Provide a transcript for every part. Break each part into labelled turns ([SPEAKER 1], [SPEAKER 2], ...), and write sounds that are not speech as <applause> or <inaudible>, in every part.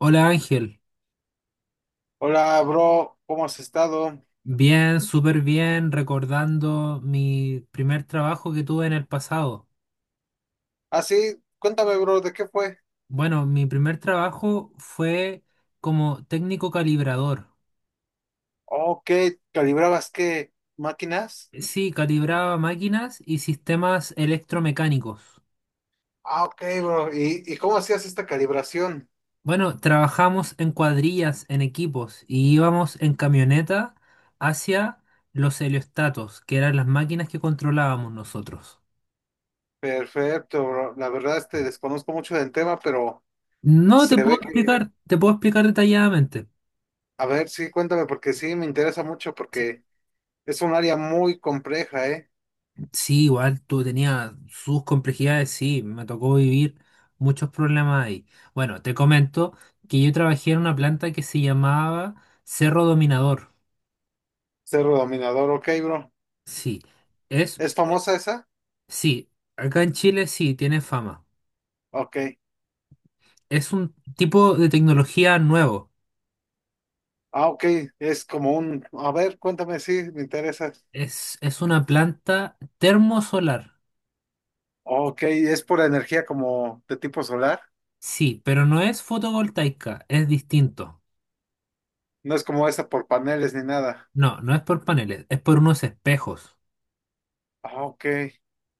[SPEAKER 1] Hola, Ángel.
[SPEAKER 2] Hola, bro, ¿cómo has estado?
[SPEAKER 1] Bien, súper bien, recordando mi primer trabajo que tuve en el pasado.
[SPEAKER 2] Ah, sí, cuéntame, bro, ¿de qué fue?
[SPEAKER 1] Bueno, mi primer trabajo fue como técnico calibrador.
[SPEAKER 2] Ok, ¿calibrabas qué? ¿Máquinas?
[SPEAKER 1] Sí, calibraba máquinas y sistemas electromecánicos.
[SPEAKER 2] Ah, ok, bro, ¿y cómo hacías esta calibración?
[SPEAKER 1] Bueno, trabajamos en cuadrillas, en equipos, y íbamos en camioneta hacia los heliostatos, que eran las máquinas que controlábamos nosotros.
[SPEAKER 2] Perfecto, bro, la verdad es que desconozco mucho del tema, pero
[SPEAKER 1] No te
[SPEAKER 2] se
[SPEAKER 1] puedo
[SPEAKER 2] ve que,
[SPEAKER 1] explicar, te puedo explicar detalladamente.
[SPEAKER 2] a ver, sí, cuéntame, porque sí, me interesa mucho, porque es un área muy compleja, ¿eh?
[SPEAKER 1] Sí, igual tú tenías sus complejidades, sí, me tocó vivir muchos problemas ahí. Bueno, te comento que yo trabajé en una planta que se llamaba Cerro Dominador.
[SPEAKER 2] Cerro Dominador, ok, bro.
[SPEAKER 1] Sí, es,
[SPEAKER 2] ¿Es famosa esa?
[SPEAKER 1] sí, acá en Chile sí, tiene fama.
[SPEAKER 2] Ok,
[SPEAKER 1] Es un tipo de tecnología nuevo.
[SPEAKER 2] ah, ok, es como un, a ver, cuéntame, sí, me interesa.
[SPEAKER 1] Es una planta termosolar.
[SPEAKER 2] Ok, es pura energía como de tipo solar.
[SPEAKER 1] Sí, pero no es fotovoltaica, es distinto.
[SPEAKER 2] No es como esa por paneles ni nada.
[SPEAKER 1] No, no es por paneles, es por unos espejos.
[SPEAKER 2] Ah, ok,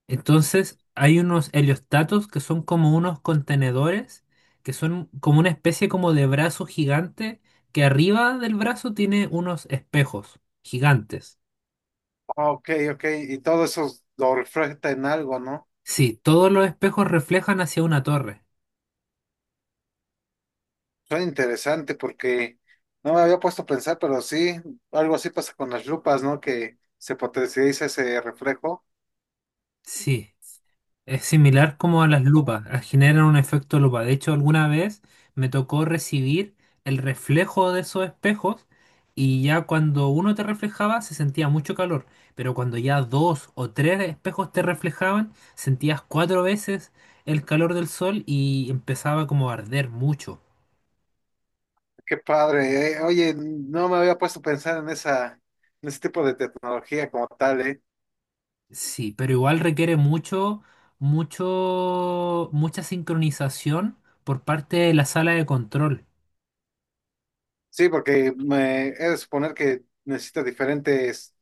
[SPEAKER 1] Entonces, hay unos heliostatos que son como unos contenedores, que son como una especie como de brazo gigante, que arriba del brazo tiene unos espejos gigantes.
[SPEAKER 2] ah, ok, ok. Y todo eso lo refleja en algo, ¿no?
[SPEAKER 1] Sí, todos los espejos reflejan hacia una torre.
[SPEAKER 2] Suena interesante porque no me había puesto a pensar, pero sí, algo así pasa con las lupas, ¿no? Que se potencializa ese reflejo.
[SPEAKER 1] Sí. Es similar como a las lupas, generan un efecto lupa. De hecho, alguna vez me tocó recibir el reflejo de esos espejos y ya cuando uno te reflejaba se sentía mucho calor, pero cuando ya dos o tres espejos te reflejaban, sentías cuatro veces el calor del sol y empezaba como a arder mucho.
[SPEAKER 2] Qué padre. Oye, no me había puesto a pensar en esa, en ese tipo de tecnología como tal, ¿eh?
[SPEAKER 1] Sí, pero igual requiere mucho, mucho, mucha sincronización por parte de la sala de control.
[SPEAKER 2] Sí, porque me he de suponer que necesita diferentes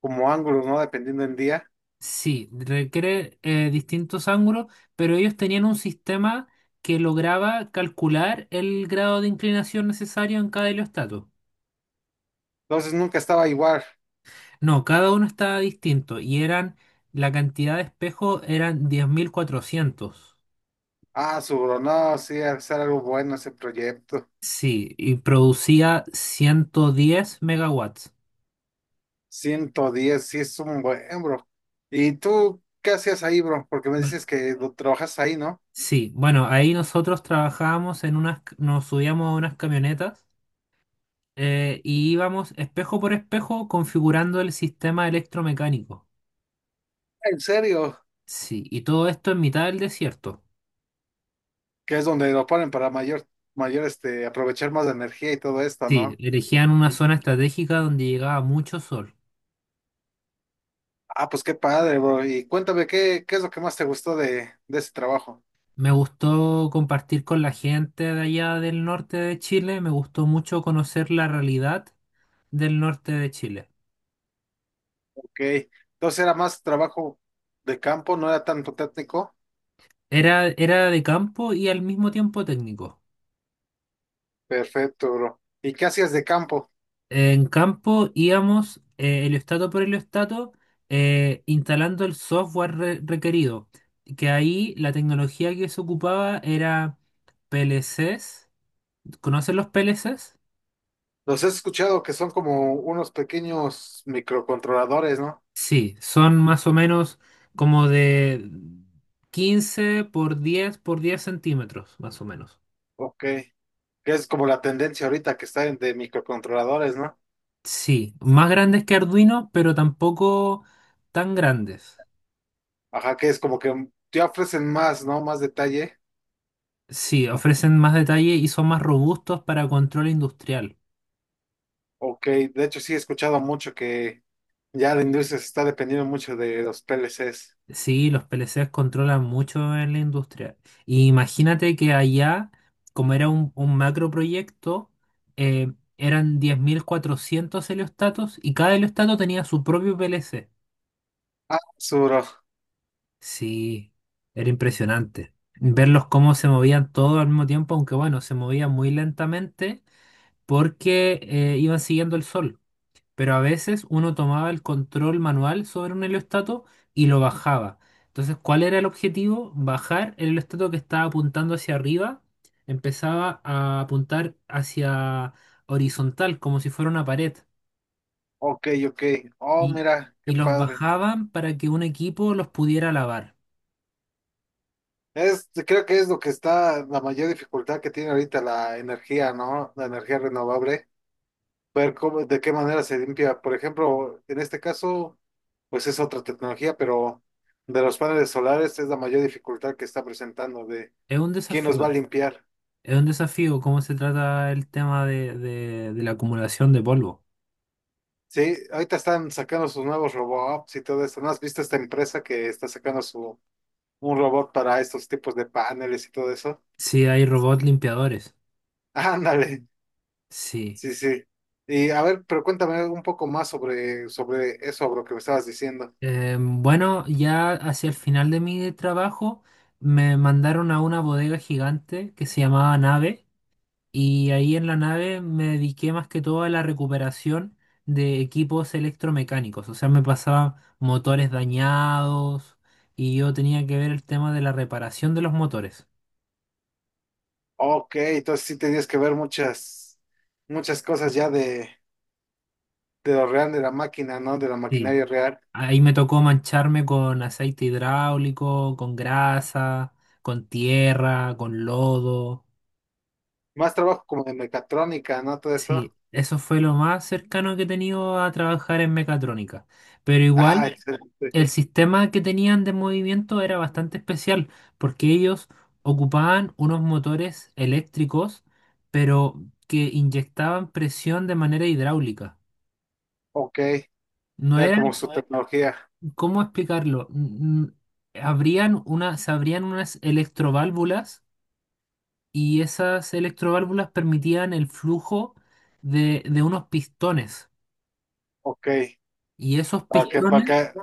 [SPEAKER 2] como ángulos, ¿no? Dependiendo del día.
[SPEAKER 1] Sí, requiere distintos ángulos, pero ellos tenían un sistema que lograba calcular el grado de inclinación necesario en cada heliostato.
[SPEAKER 2] Entonces nunca estaba igual.
[SPEAKER 1] No, cada uno estaba distinto y eran, la cantidad de espejos eran 10.400.
[SPEAKER 2] Ah, su bro, no, sí, hacer algo bueno ese proyecto.
[SPEAKER 1] Sí, y producía 110 megawatts.
[SPEAKER 2] 110, sí es un buen, bro. ¿Y tú qué hacías ahí, bro? Porque me
[SPEAKER 1] Bueno,
[SPEAKER 2] dices que lo trabajas ahí, ¿no?
[SPEAKER 1] Sí, bueno, ahí nosotros trabajábamos en unas, nos subíamos a unas camionetas y íbamos espejo por espejo configurando el sistema electromecánico.
[SPEAKER 2] En serio,
[SPEAKER 1] Sí, y todo esto en mitad del desierto.
[SPEAKER 2] que es donde lo ponen para mayor, mayor, este, aprovechar más de energía y todo esto,
[SPEAKER 1] Sí,
[SPEAKER 2] ¿no?
[SPEAKER 1] elegían una zona estratégica donde llegaba mucho sol.
[SPEAKER 2] Ah, pues qué padre, bro. Y cuéntame, ¿qué es lo que más te gustó de ese trabajo?
[SPEAKER 1] Me gustó compartir con la gente de allá del norte de Chile, me gustó mucho conocer la realidad del norte de Chile.
[SPEAKER 2] Ok, entonces era más trabajo de campo, no era tanto técnico.
[SPEAKER 1] Era, era de campo y al mismo tiempo técnico.
[SPEAKER 2] Perfecto, bro. ¿Y qué hacías de campo?
[SPEAKER 1] En campo íbamos heliostato por heliostato, instalando el software requerido, que ahí la tecnología que se ocupaba era PLCs. ¿Conocen los PLCs?
[SPEAKER 2] Los he escuchado que son como unos pequeños microcontroladores, ¿no?
[SPEAKER 1] Sí, son más o menos como de 15 por 10 por 10 centímetros, más o menos.
[SPEAKER 2] Ok. Que es como la tendencia ahorita que de microcontroladores, ¿no?
[SPEAKER 1] Sí, más grandes que Arduino, pero tampoco tan grandes.
[SPEAKER 2] Ajá, que es como que te ofrecen más, ¿no? Más detalle.
[SPEAKER 1] Sí, ofrecen más detalle y son más robustos para control industrial.
[SPEAKER 2] Ok, de hecho sí he escuchado mucho que ya la industria se está dependiendo mucho de los PLCs.
[SPEAKER 1] Sí, los PLCs controlan mucho en la industria. Y imagínate que allá, como era un macro proyecto, eh, eran 10.400 heliostatos y cada heliostato tenía su propio PLC.
[SPEAKER 2] Ah, Suro.
[SPEAKER 1] Sí, era impresionante. Verlos cómo se movían todos al mismo tiempo, aunque bueno, se movían muy lentamente porque iban siguiendo el sol. Pero a veces uno tomaba el control manual sobre un heliostato y lo bajaba. Entonces, ¿cuál era el objetivo? Bajar el heliostato que estaba apuntando hacia arriba, empezaba a apuntar hacia horizontal, como si fuera una pared,
[SPEAKER 2] Ok, ok. Oh,
[SPEAKER 1] y,
[SPEAKER 2] mira, qué
[SPEAKER 1] y los
[SPEAKER 2] padre.
[SPEAKER 1] bajaban para que un equipo los pudiera lavar.
[SPEAKER 2] Es, creo que es lo que está la mayor dificultad que tiene ahorita la energía, ¿no? La energía renovable, ver cómo, de qué manera se limpia. Por ejemplo, en este caso, pues es otra tecnología, pero de los paneles solares es la mayor dificultad que está presentando de
[SPEAKER 1] Es un
[SPEAKER 2] quién nos
[SPEAKER 1] desafío,
[SPEAKER 2] va a limpiar.
[SPEAKER 1] es un desafío cómo se trata el tema de la acumulación de polvo.
[SPEAKER 2] Sí, ahorita están sacando sus nuevos robots y todo eso. ¿No has visto esta empresa que está sacando su un robot para estos tipos de paneles y todo eso?
[SPEAKER 1] Sí, hay robots limpiadores.
[SPEAKER 2] <laughs> Ándale,
[SPEAKER 1] Sí.
[SPEAKER 2] sí, sí. Y a ver, pero cuéntame un poco más sobre, sobre eso, bro, que me estabas diciendo.
[SPEAKER 1] Bueno, ya hacia el final de mi trabajo me mandaron a una bodega gigante que se llamaba Nave, y ahí en la nave me dediqué más que todo a la recuperación de equipos electromecánicos, o sea, me pasaban motores dañados y yo tenía que ver el tema de la reparación de los motores.
[SPEAKER 2] Ok, entonces sí tenías que ver muchas, muchas cosas ya de lo real, de la máquina, ¿no? De la
[SPEAKER 1] Sí,
[SPEAKER 2] maquinaria real.
[SPEAKER 1] ahí me tocó mancharme con aceite hidráulico, con grasa, con tierra, con lodo.
[SPEAKER 2] Más trabajo como de mecatrónica, ¿no? Todo eso.
[SPEAKER 1] Sí, eso fue lo más cercano que he tenido a trabajar en mecatrónica. Pero
[SPEAKER 2] Ah, sí,
[SPEAKER 1] igual,
[SPEAKER 2] excelente.
[SPEAKER 1] el sistema que tenían de movimiento era bastante especial, porque ellos ocupaban unos motores eléctricos, pero que inyectaban presión de manera hidráulica.
[SPEAKER 2] Ok.
[SPEAKER 1] No
[SPEAKER 2] Era como
[SPEAKER 1] eran,
[SPEAKER 2] su no tecnología.
[SPEAKER 1] ¿cómo explicarlo? Abrían una, se abrían unas electroválvulas y esas electroválvulas permitían el flujo de unos pistones.
[SPEAKER 2] Ok.
[SPEAKER 1] Y esos
[SPEAKER 2] Para sí, que, para
[SPEAKER 1] pistones
[SPEAKER 2] que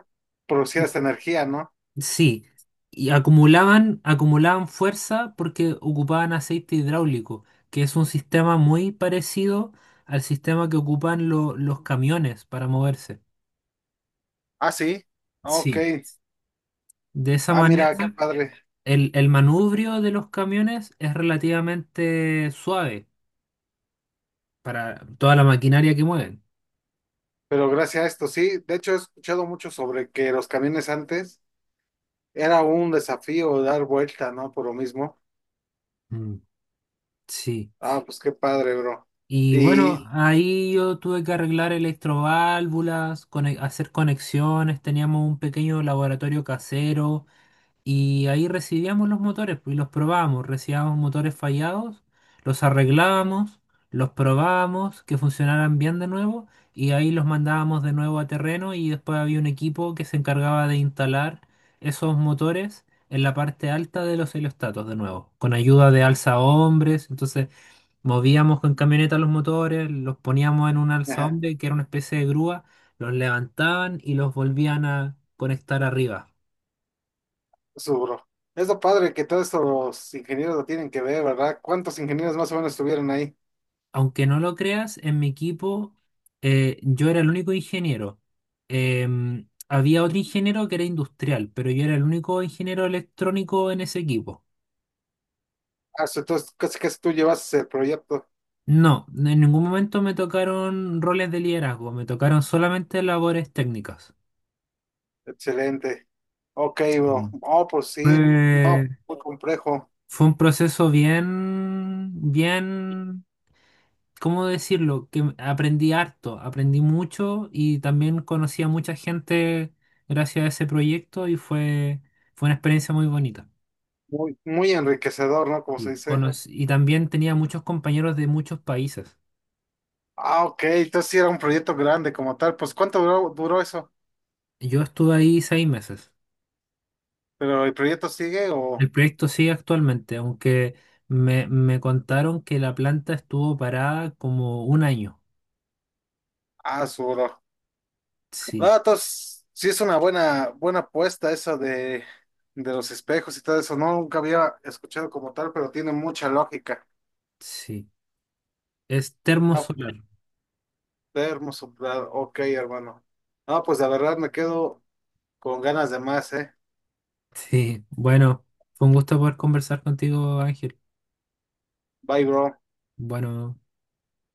[SPEAKER 2] producieras energía, ¿no?
[SPEAKER 1] sí, y acumulaban, acumulaban fuerza porque ocupaban aceite hidráulico, que es un sistema muy parecido al sistema que ocupan los camiones para moverse.
[SPEAKER 2] Ah, sí. Ok.
[SPEAKER 1] Sí, de esa
[SPEAKER 2] Ah,
[SPEAKER 1] manera
[SPEAKER 2] mira, qué padre.
[SPEAKER 1] el manubrio de los camiones es relativamente suave para toda la maquinaria que mueven.
[SPEAKER 2] Pero gracias a esto, sí. De hecho, he escuchado mucho sobre que los camiones antes era un desafío dar vuelta, ¿no? Por lo mismo.
[SPEAKER 1] Mm, sí.
[SPEAKER 2] Ah, pues qué padre, bro.
[SPEAKER 1] Y bueno,
[SPEAKER 2] Y,
[SPEAKER 1] ahí yo tuve que arreglar electroválvulas, hacer conexiones, teníamos un pequeño laboratorio casero. Y ahí recibíamos los motores pues, y los probábamos. Recibíamos motores fallados, los arreglábamos, los probábamos, que funcionaran bien de nuevo y ahí los mandábamos de nuevo a terreno y después había un equipo que se encargaba de instalar esos motores en la parte alta de los heliostatos de nuevo, con ayuda de alza hombres. Entonces movíamos con camioneta los motores, los poníamos en un alza
[SPEAKER 2] <laughs>
[SPEAKER 1] hombre que era una especie de grúa, los levantaban y los volvían a conectar arriba.
[SPEAKER 2] eso, bro. Es lo padre que todos estos ingenieros lo tienen que ver, ¿verdad? ¿Cuántos ingenieros más o menos estuvieron ahí?
[SPEAKER 1] Aunque no lo creas, en mi equipo, yo era el único ingeniero. Había otro ingeniero que era industrial, pero yo era el único ingeniero electrónico en ese equipo.
[SPEAKER 2] Ah, so, entonces casi casi tú llevas el proyecto.
[SPEAKER 1] No, en ningún momento me tocaron roles de liderazgo, me tocaron solamente labores técnicas.
[SPEAKER 2] Excelente. Ok, bro.
[SPEAKER 1] Mm.
[SPEAKER 2] Oh, pues sí.
[SPEAKER 1] Fue,
[SPEAKER 2] No, muy complejo.
[SPEAKER 1] fue un proceso bien, bien, ¿cómo decirlo? Que aprendí harto, aprendí mucho y también conocí a mucha gente gracias a ese proyecto y fue, fue una experiencia muy bonita.
[SPEAKER 2] Muy, muy enriquecedor, ¿no? Como se
[SPEAKER 1] Y,
[SPEAKER 2] dice.
[SPEAKER 1] y también tenía muchos compañeros de muchos países.
[SPEAKER 2] Ah, ok. Entonces sí era un proyecto grande como tal. Pues ¿cuánto duró, duró eso?
[SPEAKER 1] Yo estuve ahí 6 meses.
[SPEAKER 2] ¿Pero el proyecto sigue o...?
[SPEAKER 1] El proyecto sigue actualmente, aunque me contaron que la planta estuvo parada como un año.
[SPEAKER 2] Ah, su bro.
[SPEAKER 1] Sí,
[SPEAKER 2] No, entonces, sí es una buena, buena apuesta esa de los espejos y todo eso. No, nunca había escuchado como tal, pero tiene mucha lógica.
[SPEAKER 1] sí. Es
[SPEAKER 2] Ah,
[SPEAKER 1] termosolar.
[SPEAKER 2] termo soplado. Ok, hermano. Ah, pues la verdad me quedo con ganas de más, ¿eh?
[SPEAKER 1] Sí, bueno, fue un gusto poder conversar contigo, Ángel.
[SPEAKER 2] Bye, bro.
[SPEAKER 1] Bueno.